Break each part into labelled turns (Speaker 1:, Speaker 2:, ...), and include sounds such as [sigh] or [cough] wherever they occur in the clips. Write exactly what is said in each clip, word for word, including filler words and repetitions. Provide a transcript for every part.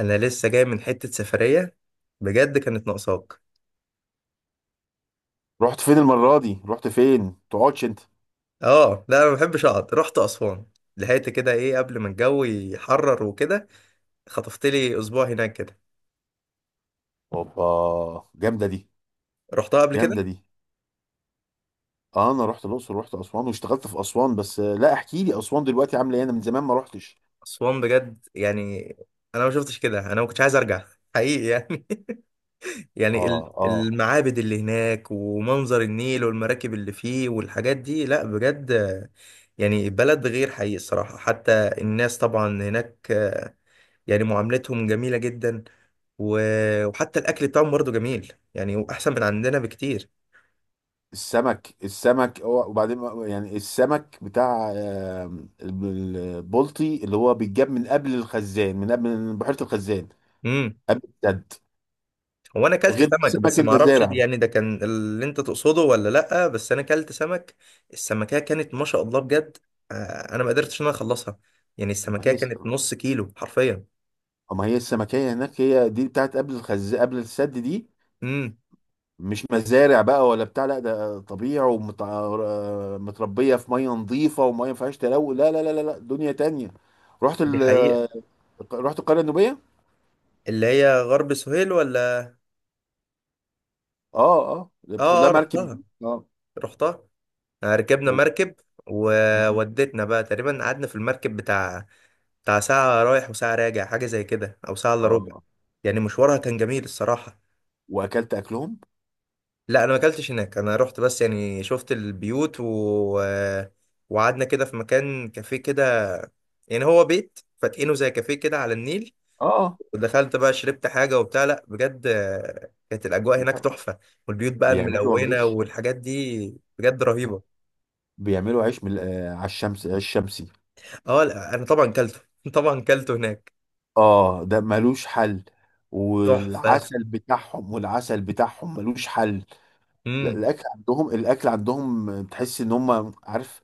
Speaker 1: انا لسه جاي من حتة سفرية، بجد كانت ناقصاك.
Speaker 2: رحت فين المرة دي؟ رحت فين تقعدش انت؟
Speaker 1: اه لا، انا ما بحبش اقعد. رحت اسوان، لحقت كده ايه قبل ما الجو يحرر وكده. خطفت لي اسبوع هناك كده.
Speaker 2: اوبا، جامدة دي.
Speaker 1: رحتها قبل كده.
Speaker 2: جامدة دي. اه، انا رحت الاقصر، رحت اسوان واشتغلت في اسوان بس آه، لا احكي لي اسوان دلوقتي عاملة ايه؟ انا من زمان ما رحتش.
Speaker 1: اسوان بجد يعني انا ما شفتش كده انا ما كنتش عايز ارجع، حقيقي يعني. [laughs] يعني
Speaker 2: اه
Speaker 1: ال-
Speaker 2: اه.
Speaker 1: المعابد اللي هناك ومنظر النيل والمراكب اللي فيه والحاجات دي، لا بجد يعني بلد غير حقيقي الصراحة حتى. الناس طبعا هناك يعني معاملتهم جميلة جدا، و- وحتى الأكل بتاعهم برضه جميل، يعني وأحسن من عندنا بكتير.
Speaker 2: السمك السمك هو- وبعدين يعني السمك بتاع آه، البلطي اللي هو بيتجاب من قبل الخزان، من قبل من بحيرة الخزان،
Speaker 1: امم.
Speaker 2: قبل السد،
Speaker 1: هو أنا أكلت
Speaker 2: غير
Speaker 1: سمك،
Speaker 2: سمك
Speaker 1: بس ما أعرفش دي-
Speaker 2: المزارع.
Speaker 1: يعني ده كان اللي أنت تقصده ولا لأ، بس أنا أكلت سمك. السمكية كانت ما شاء الله بجد. آه، أنا ما قدرتش إن أنا أخلصها، يعني
Speaker 2: ما
Speaker 1: السمكية
Speaker 2: هي
Speaker 1: كانت
Speaker 2: السمك،
Speaker 1: نص كيلو حرفيا.
Speaker 2: ما هي السمكية هناك، هي دي بتاعت قبل الخز قبل السد دي.
Speaker 1: امم.
Speaker 2: مش مزارع بقى ولا بتاع، لا ده طبيعي ومتربيه في ميه نظيفه وميه ما فيهاش تلوث. لا لا لا لا لا، دنيا تانية. رحت
Speaker 1: دي حقيقة.
Speaker 2: ال... رحت القريه النوبيه.
Speaker 1: اللي هي غرب سهيل ولا؟
Speaker 2: اه اه، اللي بتاخد
Speaker 1: آه
Speaker 2: لها
Speaker 1: آه،
Speaker 2: مركب.
Speaker 1: رحتها.
Speaker 2: اه.
Speaker 1: رحتها. آه، ركبنا
Speaker 2: و...
Speaker 1: مركب.
Speaker 2: مم.
Speaker 1: وودتنا بقى، تقريبا قعدنا في المركب بتاع بتاع ساعة رايح وساعة راجع، حاجة زي كده أو ساعة إلا ربع.
Speaker 2: اه،
Speaker 1: يعني مشوارها كان جميل الصراحة.
Speaker 2: واكلت اكلهم.
Speaker 1: لا أنا ما أكلتش هناك، أنا رحت بس يعني شفت البيوت و... وقعدنا كده في مكان كافيه كده. يعني هو بيت فاتقينه زي كافيه كده على النيل.
Speaker 2: اه.
Speaker 1: ودخلت بقى شربت حاجة وبتاع، لا بجد آه، كانت الأجواء هناك
Speaker 2: لا.
Speaker 1: تحفة. والبيوت بقى
Speaker 2: بيعملوا
Speaker 1: ملونة
Speaker 2: عيش.
Speaker 1: والحاجات دي بجد
Speaker 2: لا.
Speaker 1: رهيبة.
Speaker 2: بيعملوا عيش من آه، على الشمس، عيش شمسي.
Speaker 1: اه لا أنا طبعا كلته [laughs] طبعا كلته هناك.
Speaker 2: اه، ده ملوش حل.
Speaker 1: تحفة.
Speaker 2: والعسل بتاعهم والعسل بتاعهم ملوش حل. لا،
Speaker 1: امم.
Speaker 2: الاكل عندهم، الاكل عندهم تحس ان هم عارف.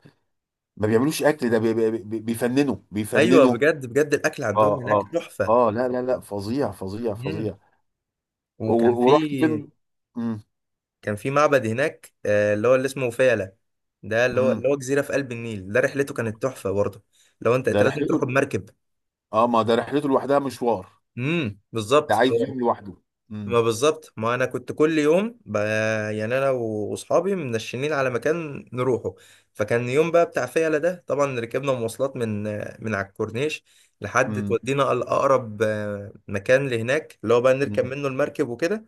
Speaker 2: ما بيعملوش اكل ده، بي- بي- بي- بيفننوا
Speaker 1: ايوه
Speaker 2: بيفننوا
Speaker 1: بجد بجد الاكل عندهم
Speaker 2: اه
Speaker 1: هناك
Speaker 2: اه.
Speaker 1: تحفه.
Speaker 2: اه لا لا لا، فظيع فظيع
Speaker 1: امم.
Speaker 2: فظيع. و-
Speaker 1: وكان في.
Speaker 2: ورحت فين؟ امم.
Speaker 1: كان في معبد هناك، آه، اللي هو اللي اسمه فيلة. ده اللي هو
Speaker 2: امم.
Speaker 1: اللي هو جزيرة في قلب النيل، ده رحلته كانت تحفة برضه. لو انت
Speaker 2: ده
Speaker 1: انت لازم
Speaker 2: رحلته.
Speaker 1: تروح بمركب.
Speaker 2: اه، ما ده رحلته لوحدها مشوار.
Speaker 1: امم.
Speaker 2: ده
Speaker 1: بالظبط
Speaker 2: عايز
Speaker 1: هو-
Speaker 2: يوم لوحده.
Speaker 1: ما
Speaker 2: امم.
Speaker 1: بالظبط، ما انا كنت كل يوم ب... يعني انا واصحابي منشنين على مكان نروحه. فكان يوم بقى بتاع فيلة ده، طبعا ركبنا مواصلات من من على الكورنيش لحد
Speaker 2: امم.
Speaker 1: تودينا الاقرب، آه، مكان لهناك اللي هو بقى نركب
Speaker 2: امم.
Speaker 1: منه المركب وكده.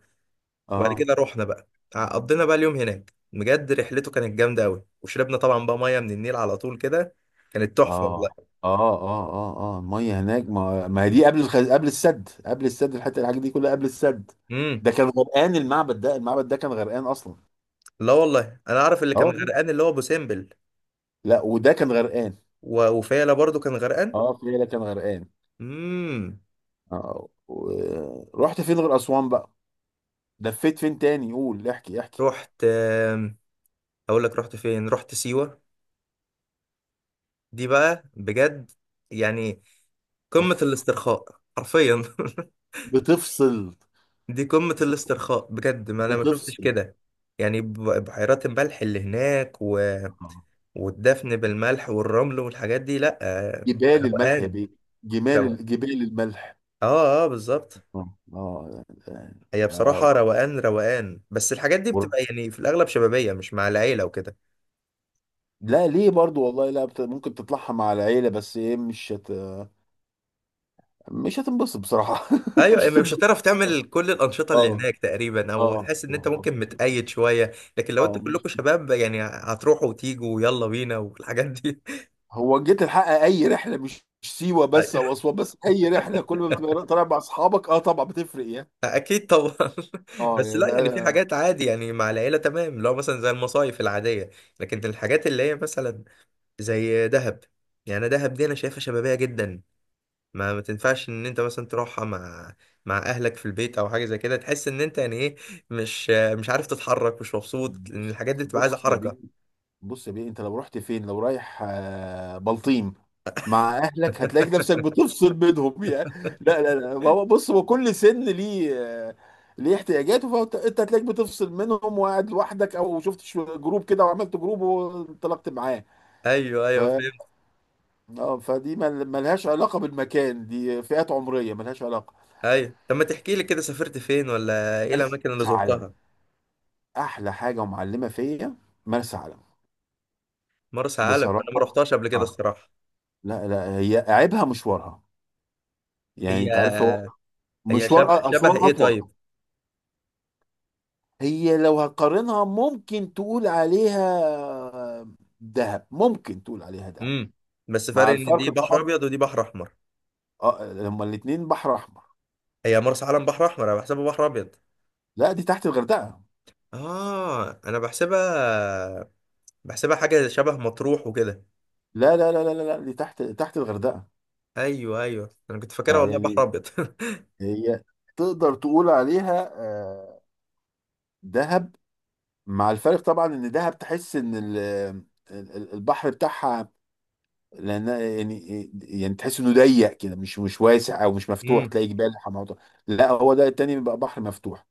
Speaker 1: وبعد
Speaker 2: اه
Speaker 1: كده رحنا بقى، قضينا بقى اليوم هناك، بجد رحلته كانت جامده قوي. وشربنا طبعا بقى ميه من النيل على طول كده، كانت تحفه
Speaker 2: اه
Speaker 1: والله.
Speaker 2: اه اه اه. اه الميه هناك ما ما هي دي قبل الخ... قبل السد، قبل السد الحته، الحاجات دي كلها قبل السد.
Speaker 1: امم.
Speaker 2: ده كان غرقان، المعبد ده المعبد ده كان غرقان اصلا.
Speaker 1: لا والله انا اعرف اللي
Speaker 2: اه
Speaker 1: كان
Speaker 2: والله.
Speaker 1: غرقان اللي هو ابو سمبل،
Speaker 2: لا وده كان غرقان.
Speaker 1: و- وفيلا برضو كان غرقان.
Speaker 2: اه، فيلا كان غرقان.
Speaker 1: امم.
Speaker 2: آه، و- رحت فين غير أسوان بقى؟ لفيت فين تاني؟ قول، احكي احكي.
Speaker 1: رحت آم، اقول لك رحت فين. رحت سيوه. دي بقى بجد يعني قمه
Speaker 2: اوف.
Speaker 1: الاسترخاء حرفيا. [laughs]
Speaker 2: بتفصل.
Speaker 1: دي قمه الاسترخاء بجد، ما انا ما شفتش
Speaker 2: بتفصل.
Speaker 1: كده. يعني ب- بحيرات الملح اللي هناك
Speaker 2: آه.
Speaker 1: والدفن بالملح والرمل والحاجات دي، لا آه،
Speaker 2: جبال الملح يا
Speaker 1: روقان،
Speaker 2: بيه.
Speaker 1: روقان.
Speaker 2: جمال جبال الملح.
Speaker 1: اه اه بالظبط.
Speaker 2: اه آه، يعني-
Speaker 1: هي
Speaker 2: آه،
Speaker 1: بصراحة روقان روقان، بس الحاجات دي
Speaker 2: ور-
Speaker 1: بتبقى يعني في الأغلب شبابية مش مع العيلة وكده.
Speaker 2: لا ليه برضو والله، لا بت... ممكن تطلعها مع العيلة، بس ايه، مش هت... مش هتنبسط بصراحة [laughs]
Speaker 1: أيوة،
Speaker 2: مش
Speaker 1: يعني مش
Speaker 2: هتنبسط.
Speaker 1: هتعرف تعمل كل الأنشطة اللي
Speaker 2: اه.
Speaker 1: هناك تقريبا، أو
Speaker 2: اه
Speaker 1: هتحس إن أنت
Speaker 2: اه.
Speaker 1: ممكن متقيد شوية. لكن لو أنتوا
Speaker 2: اه
Speaker 1: كلكم شباب، يعني هتروحوا وتيجوا ويلا بينا والحاجات دي.
Speaker 2: هو جيت الحق، اي رحله، مش مش سيوه بس او
Speaker 1: [laughs]
Speaker 2: اسوان بس، اي رحله كل ما بتبقى طالع مع اصحابك اه طبعا بتفرق يعني.
Speaker 1: أكيد طبعا. [laughs]
Speaker 2: اه
Speaker 1: بس
Speaker 2: يا
Speaker 1: لا، يعني في
Speaker 2: بقى.
Speaker 1: حاجات عادي يعني مع العيلة تمام، لو مثلا زي المصايف العادية. لكن الحاجات اللي هي مثلا زي دهب، يعني دهب دي انا شايفها شبابيه جدا. ما ما تنفعش ان انت مثلا تروحها مع مع اهلك في البيت او حاجه زي كده. تحس ان انت يعني ايه، مش مش عارف تتحرك، مش مبسوط، لان
Speaker 2: بص.
Speaker 1: الحاجات دي بتبقى عايزه
Speaker 2: بص يا بيه.
Speaker 1: حركه.
Speaker 2: بص يا بيه، انت لو رحت فين، لو رايح آه، بلطيم مع اهلك هتلاقي نفسك بتفصل بينهم يعني. لا لا لا، هو بص، هو كل سن ليه آه، ليه احتياجاته، فانت انت هتلاقيك بتفصل منهم وقاعد لوحدك، او شفت شو- جروب كده وعملت جروب وانطلقت معاه.
Speaker 1: ايوه
Speaker 2: ف
Speaker 1: ايوه فهمت.
Speaker 2: اه، فدي مل- ملهاش علاقة بالمكان، دي فئات عمرية ملهاش علاقة.
Speaker 1: ايوه، طب ما تحكي لي كده سافرت فين ولا ايه
Speaker 2: مرسى
Speaker 1: الاماكن اللي
Speaker 2: علم.
Speaker 1: زرتها.
Speaker 2: احلى حاجة ومعلمة فيا مرسى علم.
Speaker 1: مرسى علم انا ما
Speaker 2: بصراحة.
Speaker 1: رحتهاش قبل كده
Speaker 2: اه.
Speaker 1: الصراحه.
Speaker 2: لا لا، هي عيبها مشوارها. يعني انت عارف، هو
Speaker 1: هي هي
Speaker 2: مشوار
Speaker 1: شبه
Speaker 2: أ-
Speaker 1: شبه
Speaker 2: اسوان
Speaker 1: ايه،
Speaker 2: اطول.
Speaker 1: طيب.
Speaker 2: هي لو هتقارنها ممكن تقول عليها دهب، ممكن تقول عليها دهب
Speaker 1: امم. بس
Speaker 2: مع
Speaker 1: فرق ان
Speaker 2: الفرق
Speaker 1: دي بحر
Speaker 2: طبعا.
Speaker 1: ابيض ودي بحر احمر.
Speaker 2: اه، لما الاتنين بحر احمر.
Speaker 1: هي مرسى علم بحر احمر، انا بحسبها بحر ابيض.
Speaker 2: لا دي تحت الغردقة.
Speaker 1: اه انا بحسبها بحسبها حاجة شبه مطروح وكده.
Speaker 2: لا لا لا لا لا لا، دي تحت، تحت الغردقة.
Speaker 1: ايوه ايوه، انا كنت فاكرها
Speaker 2: اه
Speaker 1: والله بحر
Speaker 2: يعني،
Speaker 1: ابيض. [laughs]
Speaker 2: هي تقدر تقول عليها آه، دهب، مع الفرق طبعا ان دهب تحس ان ال- ال- ال- البحر بتاعها، لان يعني يعني تحس انه ضيق كده، مش مش واسع او مش مفتوح،
Speaker 1: امم.
Speaker 2: تلاقي جبال حمامات. لا هو ده التاني بيبقى بحر مفتوح.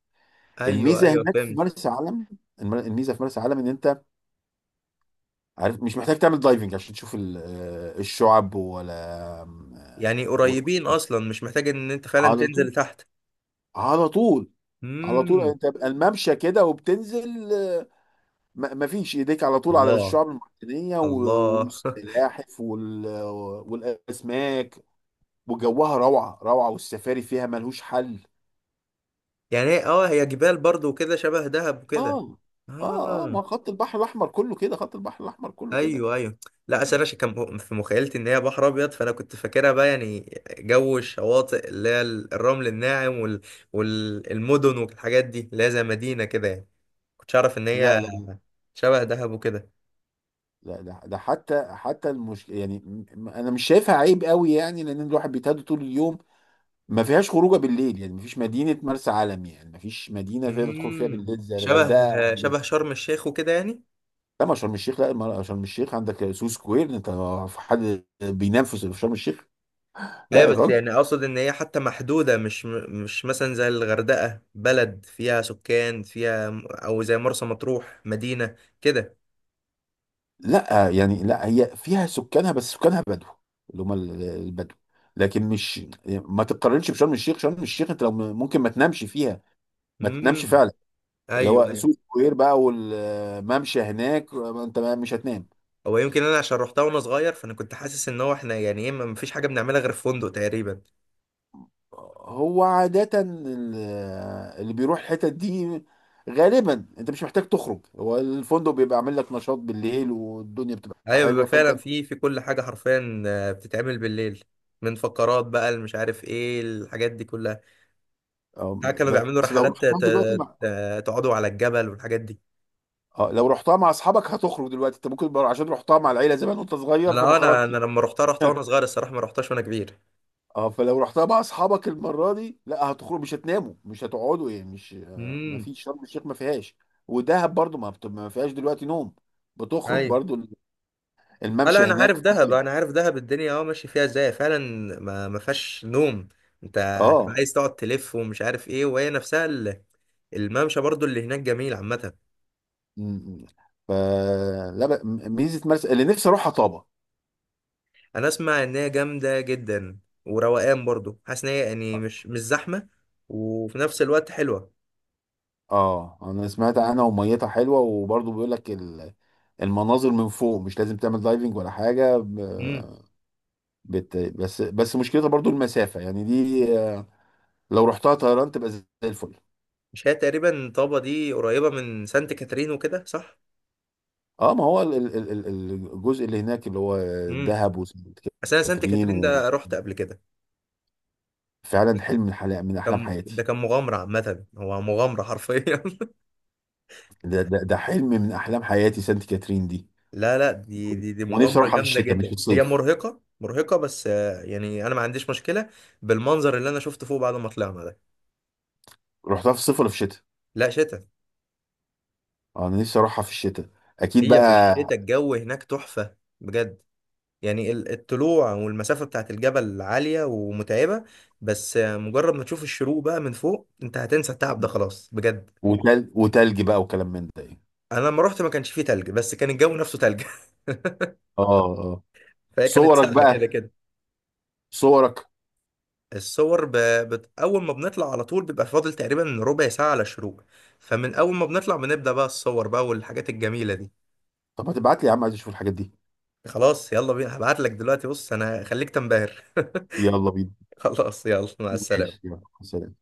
Speaker 1: ايوه
Speaker 2: الميزه
Speaker 1: ايوه
Speaker 2: هناك في
Speaker 1: فهمت.
Speaker 2: مرسى علم، الم- الميزه في مرسى علم ان انت عارف مش محتاج تعمل دايفنج عشان تشوف ال- آه، الشعب ولا آه،
Speaker 1: يعني
Speaker 2: و-
Speaker 1: قريبين اصلا، مش محتاج ان انت فعلا
Speaker 2: على طول.
Speaker 1: تنزل تحت.
Speaker 2: على طول. على طول يعني،
Speaker 1: امم.
Speaker 2: انت بقى الممشى كده وبتنزل، آه، ما ما فيش، ايديك على طول على
Speaker 1: الله.
Speaker 2: الشعاب المرجانيه و-
Speaker 1: الله. [laughs]
Speaker 2: والسلاحف وال... والاسماك، وجوها روعه روعه، والسفاري فيها ملهوش حل.
Speaker 1: يعني هي اه هي جبال برضو وكده شبه دهب وكده.
Speaker 2: اه. اه اه،
Speaker 1: اه.
Speaker 2: ما خط البحر الاحمر كله كده، خط البحر الاحمر كله كده.
Speaker 1: ايوه ايوه. لا اصل انا ش- كان م- في مخيلتي ان هي بحر ابيض، فانا كنت فاكرها بقى يعني جو الشواطئ اللي هي الرمل الناعم وال... والمدن والحاجات دي اللي هي زي مدينة كده، يعني كنتش اعرف ان
Speaker 2: لا
Speaker 1: هي
Speaker 2: لا.
Speaker 1: شبه دهب وكده.
Speaker 2: لا ده ده حتى حتى المش... يعني م- م- انا مش شايفها عيب قوي، يعني لان الواحد بيتهدى طول اليوم. ما فيهاش خروجه بالليل يعني، ما فيش مدينه، مرسى علم يعني ما فيش مدينه تقدر تدخل فيها
Speaker 1: امم،
Speaker 2: بالليل زي
Speaker 1: شبه.
Speaker 2: الغردقه.
Speaker 1: شبه شرم الشيخ وكده يعني.
Speaker 2: لا ما شرم الشيخ، لا ما شرم الشيخ عندك سو سكوير انت. في حد بينام في شرم الشيخ؟
Speaker 1: ايوه،
Speaker 2: لا يا
Speaker 1: بس
Speaker 2: راجل.
Speaker 1: يعني اقصد ان هي حتى محدوده، مش مش مثلا زي الغردقه بلد فيها سكان فيها، او زي مرسى مطروح مدينه كده.
Speaker 2: لا يعني، لا هي فيها سكانها بس سكانها بدو، اللي هم ال- البدو. لكن مش، ما تتقارنش بشرم الشيخ. شرم الشيخ انت لو م- ممكن ما تنامش فيها، ما تنامش
Speaker 1: امم.
Speaker 2: فعلا. اللي
Speaker 1: ايوه
Speaker 2: هو
Speaker 1: ايوه.
Speaker 2: سو سكوير بقى والممشى هناك، انت مش هتنام.
Speaker 1: هو يمكن انا عشان روحتها وانا صغير، فانا كنت حاسس ان هو احنا يعني ايه، ما فيش حاجه بنعملها غير في فندق تقريبا.
Speaker 2: هو عادة ال- اللي بيروح الحتت دي غالبا انت مش محتاج تخرج، هو الفندق بيبقى عامل لك نشاط بالليل والدنيا بتبقى
Speaker 1: ايوه، بيبقى
Speaker 2: حلوه
Speaker 1: فعلا
Speaker 2: فانت.
Speaker 1: في في كل حاجه حرفيا آه، بتتعمل بالليل، من فقرات بقى اللي مش عارف ايه الحاجات دي كلها. لا،
Speaker 2: آم،
Speaker 1: كانوا بيعملوا
Speaker 2: بس لو
Speaker 1: رحلات ت-
Speaker 2: رحتها دلوقتي
Speaker 1: ت-
Speaker 2: مع،
Speaker 1: ت- تقعدوا على الجبل والحاجات دي.
Speaker 2: اه لو رحتها مع اصحابك هتخرج دلوقتي، انت ممكن بر- عشان رحتها مع العيله زمان وانت صغير
Speaker 1: انا
Speaker 2: فما
Speaker 1: آه، انا انا
Speaker 2: خرجتش.
Speaker 1: لما رحتها، رحتها وانا صغير
Speaker 2: [laughs]
Speaker 1: الصراحه، ما رحتهاش وانا كبير.
Speaker 2: اه، فلو رحتها مع اصحابك المره دي لا هتخرج، مش هتناموا مش هتقعدوا يعني، مش آه، ما
Speaker 1: امم.
Speaker 2: فيش شرم الشيخ، ما فيهاش. ودهب برضو ما بت- ما فيهاش دلوقتي نوم، بتخرج
Speaker 1: ايوه.
Speaker 2: برضو.
Speaker 1: آه، لا
Speaker 2: الممشى
Speaker 1: انا
Speaker 2: هناك
Speaker 1: عارف دهب،
Speaker 2: فاضي.
Speaker 1: انا عارف دهب الدنيا اه ماشي فيها ازاي فعلا. ما ما فيهاش نوم، انت هتبقى
Speaker 2: اه.
Speaker 1: عايز تقعد تلف ومش عارف ايه. وهي نفسها ال- الممشى برضو اللي هناك جميل عامه.
Speaker 2: مم. فلا ب- ميزه مرسى، اللي نفسي اروحها، طابه.
Speaker 1: انا اسمع ان هي جامده جدا، وروقان برضو، حاسس ان هي يعني مش مش زحمه، وفي نفس الوقت حلوه.
Speaker 2: اه انا سمعت عنها وميتها حلوه، وبرضه بيقول لك ال- المناظر من فوق مش لازم تعمل دايفنج ولا حاجه، ب- بت بس بس مشكلتها برضه المسافه، يعني دي آه، لو رحتها طيران تبقى زي الفل.
Speaker 1: مش هي تقريبا طابة دي قريبة من سانت كاترين وكده صح؟
Speaker 2: اه ما هو ال- ال- ال- ال- الجزء اللي هناك اللي هو
Speaker 1: امم.
Speaker 2: دهب وسانت
Speaker 1: بس انا سانت
Speaker 2: كاترين.
Speaker 1: كاترين ده رحت قبل كده.
Speaker 2: وفعلا حلم من حلا- من احلام
Speaker 1: كان ده
Speaker 2: حياتي.
Speaker 1: كان مغامرة عامة، هو مغامرة حرفيا. [laughs]
Speaker 2: ده ده ده حلم من احلام حياتي سانت كاترين دي.
Speaker 1: لا لا، دي دي دي
Speaker 2: ونفسي
Speaker 1: مغامرة
Speaker 2: اروحها في
Speaker 1: جامدة
Speaker 2: الشتاء مش في
Speaker 1: جدا، هي
Speaker 2: الصيف.
Speaker 1: مرهقة مرهقة بس آه، يعني انا ما عنديش مشكلة بالمنظر اللي انا شفته فوق بعد ما طلعنا ده.
Speaker 2: رحتها في الصيف ولا في الشتاء؟
Speaker 1: لا، شتاء.
Speaker 2: آه، انا نفسي اروحها في الشتاء اكيد
Speaker 1: هي في
Speaker 2: بقى.
Speaker 1: الشتاء الجو هناك تحفة بجد. يعني ال- الطلوع والمسافة بتاعت الجبل عالية ومتعبة، بس آه، مجرد ما تشوف الشروق بقى من فوق، انت هتنسى التعب ده خلاص بجد.
Speaker 2: وتل... وتلج بقى وكلام من ده يعني.
Speaker 1: انا لما رحت ما كانش فيه تلج، بس كان الجو نفسه تلج.
Speaker 2: اه اه آه.
Speaker 1: [laughs] فهي كانت
Speaker 2: صورك
Speaker 1: ساقعه كده
Speaker 2: بقى.
Speaker 1: كده.
Speaker 2: صورك.
Speaker 1: الصور ب... بت... اول ما بنطلع على طول بيبقى فاضل تقريبا ربع ساعه على الشروق، فمن اول ما بنطلع بنبدا بقى الصور بقى والحاجات الجميله دي.
Speaker 2: طب ما تبعت لي يا عم، عايز اشوف الحاجات دي.
Speaker 1: خلاص يلا بينا، هبعت لك دلوقتي. بص انا خليك تنبهر. [laughs]
Speaker 2: يلا بينا.
Speaker 1: خلاص يلا، مع
Speaker 2: ماشي
Speaker 1: السلامه.
Speaker 2: يلا سلام.